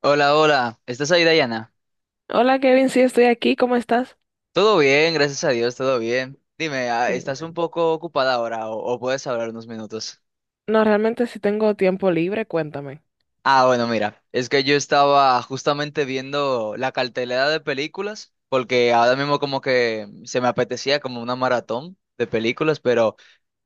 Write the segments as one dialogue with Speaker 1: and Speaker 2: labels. Speaker 1: Hola, hola. ¿Estás ahí, Dayana?
Speaker 2: Hola Kevin, sí estoy aquí, ¿cómo estás?
Speaker 1: Todo bien, gracias a Dios, todo bien. Dime, ¿estás un
Speaker 2: Bueno.
Speaker 1: poco ocupada ahora o puedes hablar unos minutos?
Speaker 2: No, realmente si tengo tiempo libre, cuéntame.
Speaker 1: Ah, bueno, mira, es que yo estaba justamente viendo la cartelera de películas, porque ahora mismo como que se me apetecía como una maratón de películas, pero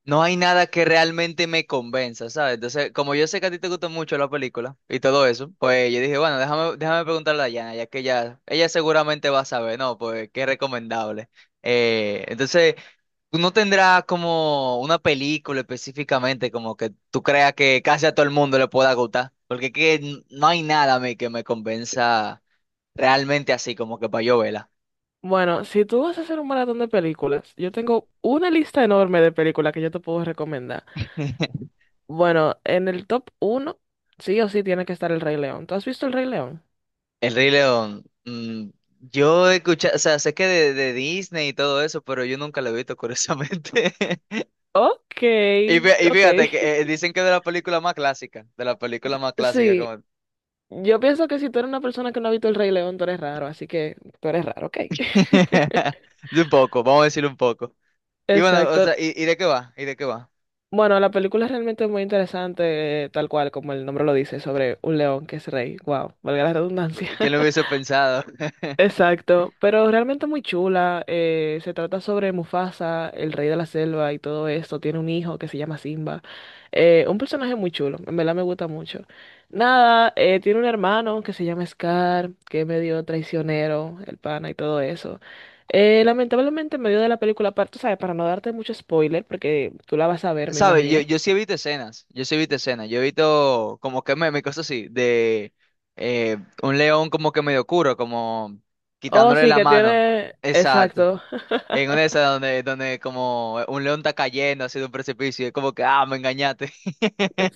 Speaker 1: no hay nada que realmente me convenza, ¿sabes? Entonces, como yo sé que a ti te gusta mucho la película y todo eso, pues yo dije, bueno, déjame preguntarle a Yana, ya que ella seguramente va a saber, ¿no? Pues qué recomendable. Entonces, tú no tendrás como una película específicamente como que tú creas que casi a todo el mundo le pueda gustar, porque no hay nada a mí que me convenza realmente así, como que para yo verla.
Speaker 2: Bueno, si tú vas a hacer un maratón de películas, yo tengo una lista enorme de películas que yo te puedo recomendar. Bueno, en el top uno sí o sí tiene que estar El Rey León. ¿Tú has visto El Rey León?
Speaker 1: El Rey León. Yo he escuchado, o sea, sé que de Disney y todo eso, pero yo nunca lo he visto, curiosamente.
Speaker 2: Ok,
Speaker 1: Y
Speaker 2: ok.
Speaker 1: fíjate que dicen que es de la película más clásica,
Speaker 2: Sí,
Speaker 1: como...
Speaker 2: yo pienso que si tú eres una persona que no ha visto El Rey León, tú eres raro, así que tú eres raro, ok.
Speaker 1: De un poco, vamos a decir un poco. Y bueno, o sea,
Speaker 2: Exacto.
Speaker 1: y de qué va? ¿Y de qué va?
Speaker 2: Bueno, la película es realmente muy interesante, tal cual como el nombre lo dice, sobre un león que es rey. Wow, valga la redundancia.
Speaker 1: ¿Quién lo hubiese pensado?
Speaker 2: Exacto, pero realmente muy chula. Se trata sobre Mufasa, el rey de la selva y todo esto. Tiene un hijo que se llama Simba. Un personaje muy chulo, en verdad me gusta mucho. Nada, tiene un hermano que se llama Scar, que es medio traicionero, el pana y todo eso. Lamentablemente, en medio de la película, para, tú sabes, para no darte mucho spoiler, porque tú la vas a ver, me
Speaker 1: ¿Sabes? Yo,
Speaker 2: imagino.
Speaker 1: yo sí he visto escenas, yo he visto como que me cosas así, de eh, un león como que medio oscuro, como
Speaker 2: Oh,
Speaker 1: quitándole
Speaker 2: sí,
Speaker 1: la
Speaker 2: que
Speaker 1: mano.
Speaker 2: tiene.
Speaker 1: Exacto.
Speaker 2: Exacto.
Speaker 1: En una de esas donde como un león está cayendo hacia un precipicio, y es como que, ah, me engañaste.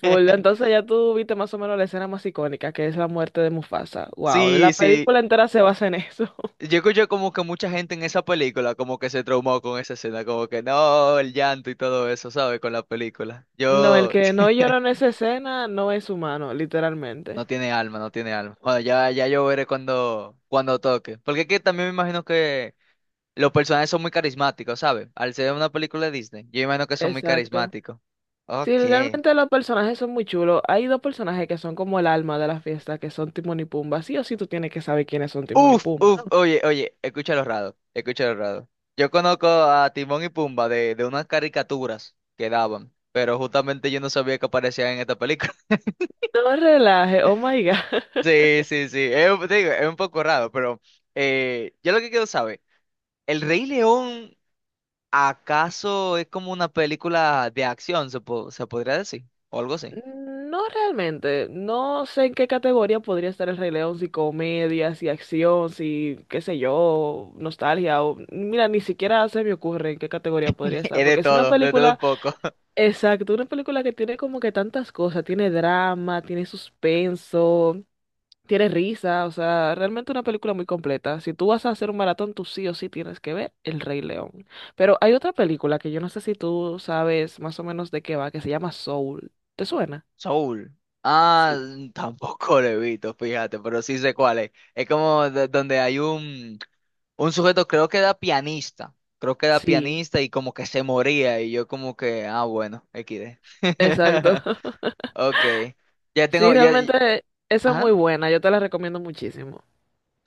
Speaker 2: Full. Entonces ya tú viste más o menos la escena más icónica, que es la muerte de Mufasa. Wow,
Speaker 1: Sí,
Speaker 2: la
Speaker 1: sí.
Speaker 2: película entera se basa en eso.
Speaker 1: Yo escucho como que mucha gente en esa película como que se traumó con esa escena, como que no, el llanto y todo eso, ¿sabes? Con la película.
Speaker 2: No, el
Speaker 1: Yo...
Speaker 2: que no llora en esa escena no es humano, literalmente.
Speaker 1: No tiene alma, no tiene alma. Bueno, ya yo veré cuando toque. Porque es que también me imagino que los personajes son muy carismáticos, ¿sabes? Al ser una película de Disney, yo imagino que son muy
Speaker 2: Exacto.
Speaker 1: carismáticos.
Speaker 2: Sí,
Speaker 1: Ok.
Speaker 2: realmente los personajes son muy chulos. Hay dos personajes que son como el alma de la fiesta, que son Timón y Pumba. Sí o sí tú tienes que saber quiénes son Timón y
Speaker 1: Uf,
Speaker 2: Pumba,
Speaker 1: uf,
Speaker 2: ¿no?
Speaker 1: oye, oye, escucha los raros, escucha los raros. Yo conozco a Timón y Pumba de unas caricaturas que daban, pero justamente yo no sabía que aparecían en esta película.
Speaker 2: No relaje, oh my God.
Speaker 1: Sí, sí, sí, es, te digo, es un poco raro, pero yo lo que quiero saber, ¿El Rey León acaso es como una película de acción, se podría decir? O algo así.
Speaker 2: No realmente, no sé en qué categoría podría estar el Rey León, si comedia, si acción, si qué sé yo, nostalgia, o mira, ni siquiera se me ocurre en qué categoría podría estar,
Speaker 1: Es
Speaker 2: porque es una
Speaker 1: de todo un
Speaker 2: película,
Speaker 1: poco.
Speaker 2: exacto, una película que tiene como que tantas cosas, tiene drama, tiene suspenso, tiene risa, o sea, realmente una película muy completa. Si tú vas a hacer un maratón, tú sí o sí tienes que ver El Rey León. Pero hay otra película que yo no sé si tú sabes más o menos de qué va, que se llama Soul. ¿Te suena?
Speaker 1: Soul. Ah,
Speaker 2: Sí.
Speaker 1: tampoco lo he visto, fíjate, pero sí sé cuál es. Es como donde hay un... Un sujeto creo que era pianista, creo que era
Speaker 2: Sí,
Speaker 1: pianista y como que se moría y yo como que, ah, bueno, XD.
Speaker 2: exacto.
Speaker 1: Ok, ya
Speaker 2: Sí,
Speaker 1: tengo,
Speaker 2: realmente esa es muy
Speaker 1: ajá.
Speaker 2: buena, yo te la recomiendo muchísimo.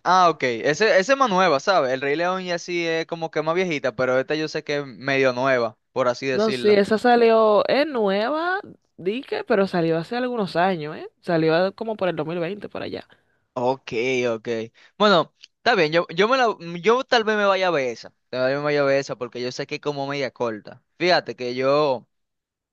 Speaker 1: Ah, ok, ese es más nueva, ¿sabes? El Rey León ya sí es como que más viejita, pero esta yo sé que es medio nueva, por así
Speaker 2: No, sí,
Speaker 1: decirlo.
Speaker 2: esa salió, es nueva, dije, pero salió hace algunos años, ¿eh? Salió como por el 2020, por allá.
Speaker 1: Ok, ok. Bueno, está bien, yo tal vez me vaya a ver esa, tal vez me vaya a ver esa porque yo sé que es como media corta. Fíjate que yo...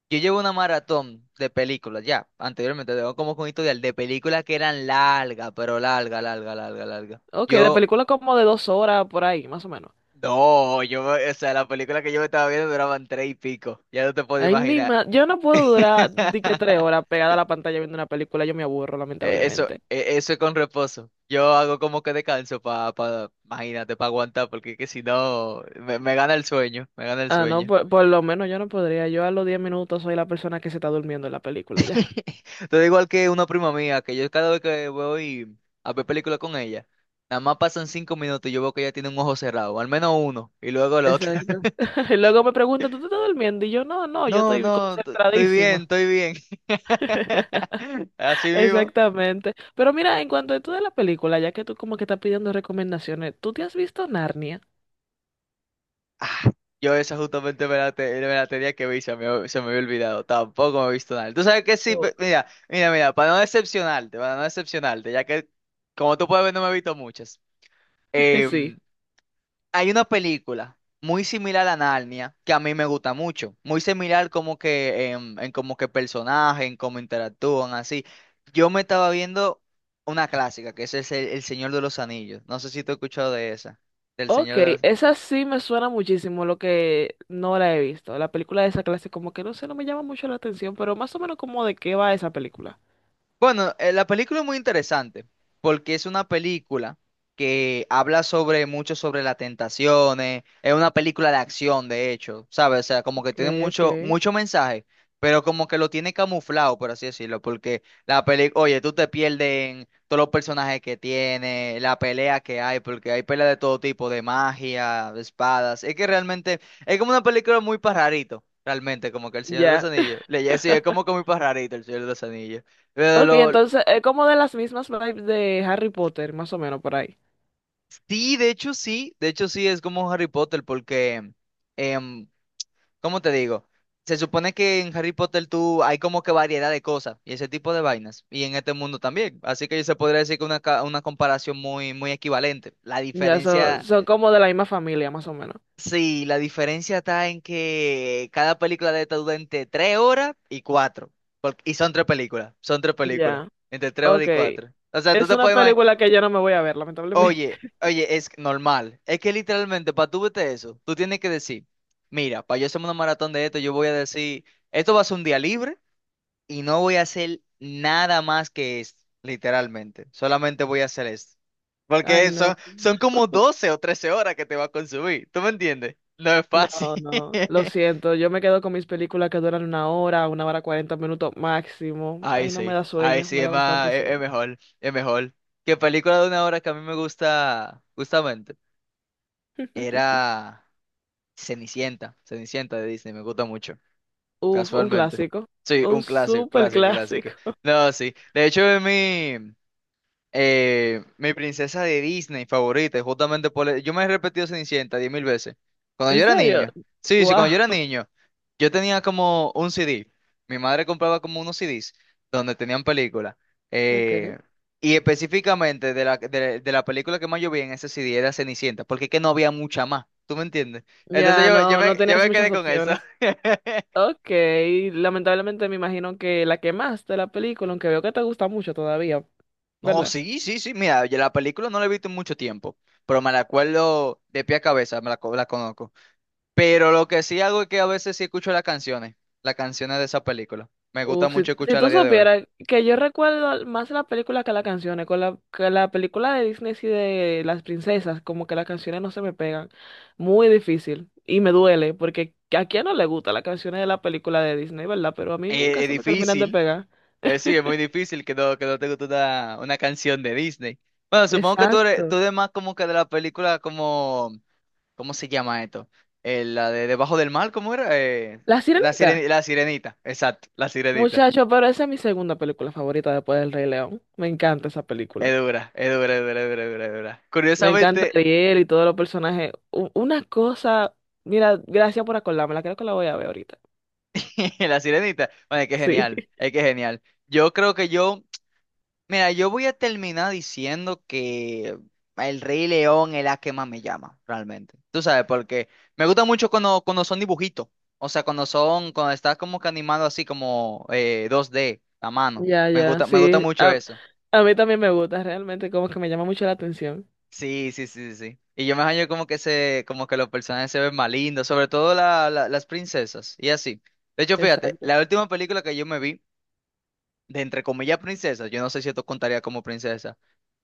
Speaker 1: Yo llevo una maratón de películas, ya, anteriormente, tengo como con historial de películas que eran largas, pero larga, larga, larga, larga.
Speaker 2: Ok, de
Speaker 1: Yo,
Speaker 2: película como de 2 horas, por ahí, más o menos.
Speaker 1: no, o sea, la película que yo me estaba viendo duraban tres y pico, ya no te puedo
Speaker 2: Ahí
Speaker 1: imaginar.
Speaker 2: misma, yo no puedo durar, di tres horas pegada a la pantalla viendo una película, yo me aburro,
Speaker 1: Eso,
Speaker 2: lamentablemente.
Speaker 1: eso es con reposo. Yo hago como que descanso imagínate, para aguantar, porque es que si no, me me gana el
Speaker 2: Ah, no,
Speaker 1: sueño.
Speaker 2: por lo menos yo no podría, yo a los 10 minutos soy la persona que se está durmiendo en la película.
Speaker 1: Todo igual que una prima mía, que yo cada vez que voy a ver películas con ella, nada más pasan 5 minutos y yo veo que ella tiene un ojo cerrado, al menos uno, y luego el otro.
Speaker 2: Exacto. Y luego me pregunta, ¿tú te estás durmiendo? Y yo, no, no, yo
Speaker 1: No,
Speaker 2: estoy
Speaker 1: no, estoy bien,
Speaker 2: concentradísima.
Speaker 1: estoy bien. Así mismo.
Speaker 2: Exactamente. Pero mira, en cuanto a esto de la película, ya que tú como que estás pidiendo recomendaciones, ¿tú te has visto Narnia?
Speaker 1: Ah, yo esa justamente me la tenía que ver y se me había olvidado. Tampoco me he visto nada. Tú sabes que sí,
Speaker 2: Oh.
Speaker 1: pe- mira, mira, mira, para no decepcionarte, ya que como tú puedes ver no me he visto muchas.
Speaker 2: Sí.
Speaker 1: Em, Hay una película muy similar a Narnia que a mí me gusta mucho. Muy similar como que en como que personaje, en cómo interactúan, así. Yo me estaba viendo una clásica, que es El Señor de los Anillos. No sé si tú has escuchado de esa. Del
Speaker 2: Ok,
Speaker 1: Señor de los...
Speaker 2: esa sí me suena muchísimo, lo que no la he visto. La película de esa clase como que no sé, no me llama mucho la atención, pero más o menos como de qué va esa película.
Speaker 1: Bueno, la película es muy interesante porque es una película que habla sobre mucho sobre las tentaciones, es una película de acción, de hecho, ¿sabes? O sea, como que
Speaker 2: Ok,
Speaker 1: tiene
Speaker 2: ok.
Speaker 1: mucho, mucho mensaje, pero como que lo tiene camuflado, por así decirlo, porque la película, oye, tú te pierdes en todos los personajes que tiene, la pelea que hay, porque hay peleas de todo tipo, de magia, de espadas, es que realmente es como una película muy pajarito, realmente, como que El Señor de los
Speaker 2: Ya.
Speaker 1: Anillos, le sí, es como que muy pajarito El Señor de los Anillos. Eh,
Speaker 2: Ok,
Speaker 1: lo-
Speaker 2: entonces es como de las mismas vibes de Harry Potter, más o menos por ahí.
Speaker 1: sí, de hecho sí, es como Harry Potter porque, em, ¿cómo te digo? Se supone que en Harry Potter tú hay como que variedad de cosas y ese tipo de vainas y en este mundo también, así que se podría decir que una comparación muy, muy equivalente. La
Speaker 2: Ya son,
Speaker 1: diferencia,
Speaker 2: son como de la misma familia, más o menos.
Speaker 1: sí, la diferencia está en que cada película de esta dura entre 3 horas y 4, porque- y son tres películas,
Speaker 2: Ya,
Speaker 1: entre tres horas
Speaker 2: ok.
Speaker 1: y cuatro. O sea, tú
Speaker 2: Es
Speaker 1: te
Speaker 2: una
Speaker 1: puedes imaginar.
Speaker 2: película que yo no me voy a ver, lamentablemente.
Speaker 1: Oye, oye, es normal. Es que literalmente, para tú verte eso, tú tienes que decir, mira, para yo hacerme una maratón de esto, yo voy a decir, esto va a ser un día libre y no voy a hacer nada más que esto, literalmente. Solamente voy a hacer esto.
Speaker 2: Ay,
Speaker 1: Porque son,
Speaker 2: no,
Speaker 1: son como 12 o 13 horas que te va a consumir. ¿Tú me entiendes? No es
Speaker 2: no,
Speaker 1: fácil.
Speaker 2: no. Lo siento, yo me quedo con mis películas que duran 1 hora, 1 hora 40 minutos máximo. Ay, no me da
Speaker 1: Ahí
Speaker 2: sueño,
Speaker 1: sí,
Speaker 2: me
Speaker 1: es
Speaker 2: da bastante
Speaker 1: más, es,
Speaker 2: sueño.
Speaker 1: es mejor, es mejor. ¿Qué película de 1 hora que a mí me gusta, justamente, era... Cenicienta, Cenicienta de Disney, me gusta mucho,
Speaker 2: Uf, un
Speaker 1: casualmente.
Speaker 2: clásico.
Speaker 1: Sí,
Speaker 2: Un
Speaker 1: un clásico,
Speaker 2: súper
Speaker 1: clásico, clásico.
Speaker 2: clásico.
Speaker 1: No, sí. De hecho, es mi, mi princesa de Disney favorita, y justamente por... e- Yo me he repetido Cenicienta 10.000 veces. Cuando
Speaker 2: ¿En
Speaker 1: yo era
Speaker 2: serio?
Speaker 1: niño, sí, sí, cuando yo era
Speaker 2: Wow.
Speaker 1: niño, yo tenía como un CD. Mi madre compraba como unos CDs donde tenían películas.
Speaker 2: Ok.
Speaker 1: Eh, y específicamente de la película que más yo vi en ese CD era Cenicienta, porque es que no había mucha más, ¿tú me entiendes? Entonces
Speaker 2: Ya no, no
Speaker 1: yo
Speaker 2: tenías
Speaker 1: me
Speaker 2: muchas
Speaker 1: quedé con eso.
Speaker 2: opciones. Ok, lamentablemente me imagino que la quemaste la película, aunque veo que te gusta mucho todavía,
Speaker 1: No,
Speaker 2: ¿verdad?
Speaker 1: sí, sí, sí. Mira, yo la película no la he visto en mucho tiempo, pero me la acuerdo de pie a cabeza, la conozco. Pero lo que sí hago es que a veces sí escucho las canciones de esa película. Me gusta
Speaker 2: Uf, si,
Speaker 1: mucho
Speaker 2: si
Speaker 1: escuchar
Speaker 2: tú
Speaker 1: a día de hoy.
Speaker 2: supieras que yo recuerdo más la película que las canciones, con la, que la película de Disney y de las princesas, como que las canciones no se me pegan, muy difícil y me duele, porque a quién no le gusta las canciones de la película de Disney, ¿verdad? Pero a mí nunca
Speaker 1: Es
Speaker 2: se me terminan de
Speaker 1: difícil,
Speaker 2: pegar.
Speaker 1: sí, es muy difícil que no te guste una canción de Disney. Bueno, supongo que tú
Speaker 2: Exacto.
Speaker 1: eres más como que de la película como, ¿cómo se llama esto? La de Debajo del Mar, ¿cómo era?
Speaker 2: La Sirenita,
Speaker 1: La Sirenita, exacto, la Sirenita.
Speaker 2: muchacho, pero esa es mi segunda película favorita después del Rey León, me encanta esa película.
Speaker 1: Es dura, es dura, es dura, es dura, es dura, es dura.
Speaker 2: Me encanta
Speaker 1: Curiosamente,
Speaker 2: Ariel y todos los personajes. Una cosa, mira, gracias por acordármela, creo que la voy a ver ahorita.
Speaker 1: la Sirenita, bueno, es que es
Speaker 2: Sí.
Speaker 1: genial, es que es genial. Yo creo que yo... Mira, yo voy a terminar diciendo que El Rey León es la que más me llama, realmente. Tú sabes, porque me gusta mucho cuando son dibujitos. O sea, cuando son, cuando estás como que animado así como 2D, a mano.
Speaker 2: Ya, ya,
Speaker 1: Me gusta
Speaker 2: sí.
Speaker 1: mucho
Speaker 2: A,
Speaker 1: eso.
Speaker 2: a mí también me gusta, realmente, como que me llama mucho la atención.
Speaker 1: Sí, sí, sí, sí, sí. Y yo me hallo como que los personajes se ven más lindos, sobre todo las princesas, y así. De hecho, fíjate,
Speaker 2: Exacto.
Speaker 1: la última película que yo me vi, de entre comillas princesas, yo no sé si esto contaría como princesa,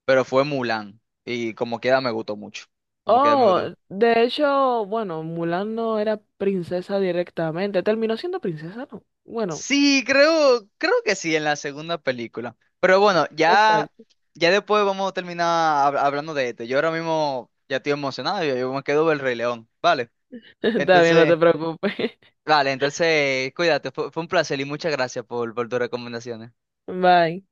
Speaker 1: pero fue Mulan. Y como queda me gustó mucho. Como queda me
Speaker 2: Oh,
Speaker 1: gustó.
Speaker 2: de hecho, bueno, Mulan no era princesa directamente, terminó siendo princesa, ¿no? Bueno,
Speaker 1: Sí, creo que sí, en la segunda película. Pero bueno, ya,
Speaker 2: exacto.
Speaker 1: ya después vamos a terminar hablando de esto. Yo ahora mismo ya estoy emocionado, yo me quedo del Rey León, ¿vale?
Speaker 2: Está bien, no te
Speaker 1: Entonces,
Speaker 2: preocupes.
Speaker 1: vale, entonces, cuídate, fue un placer y muchas gracias por tus recomendaciones.
Speaker 2: Bye.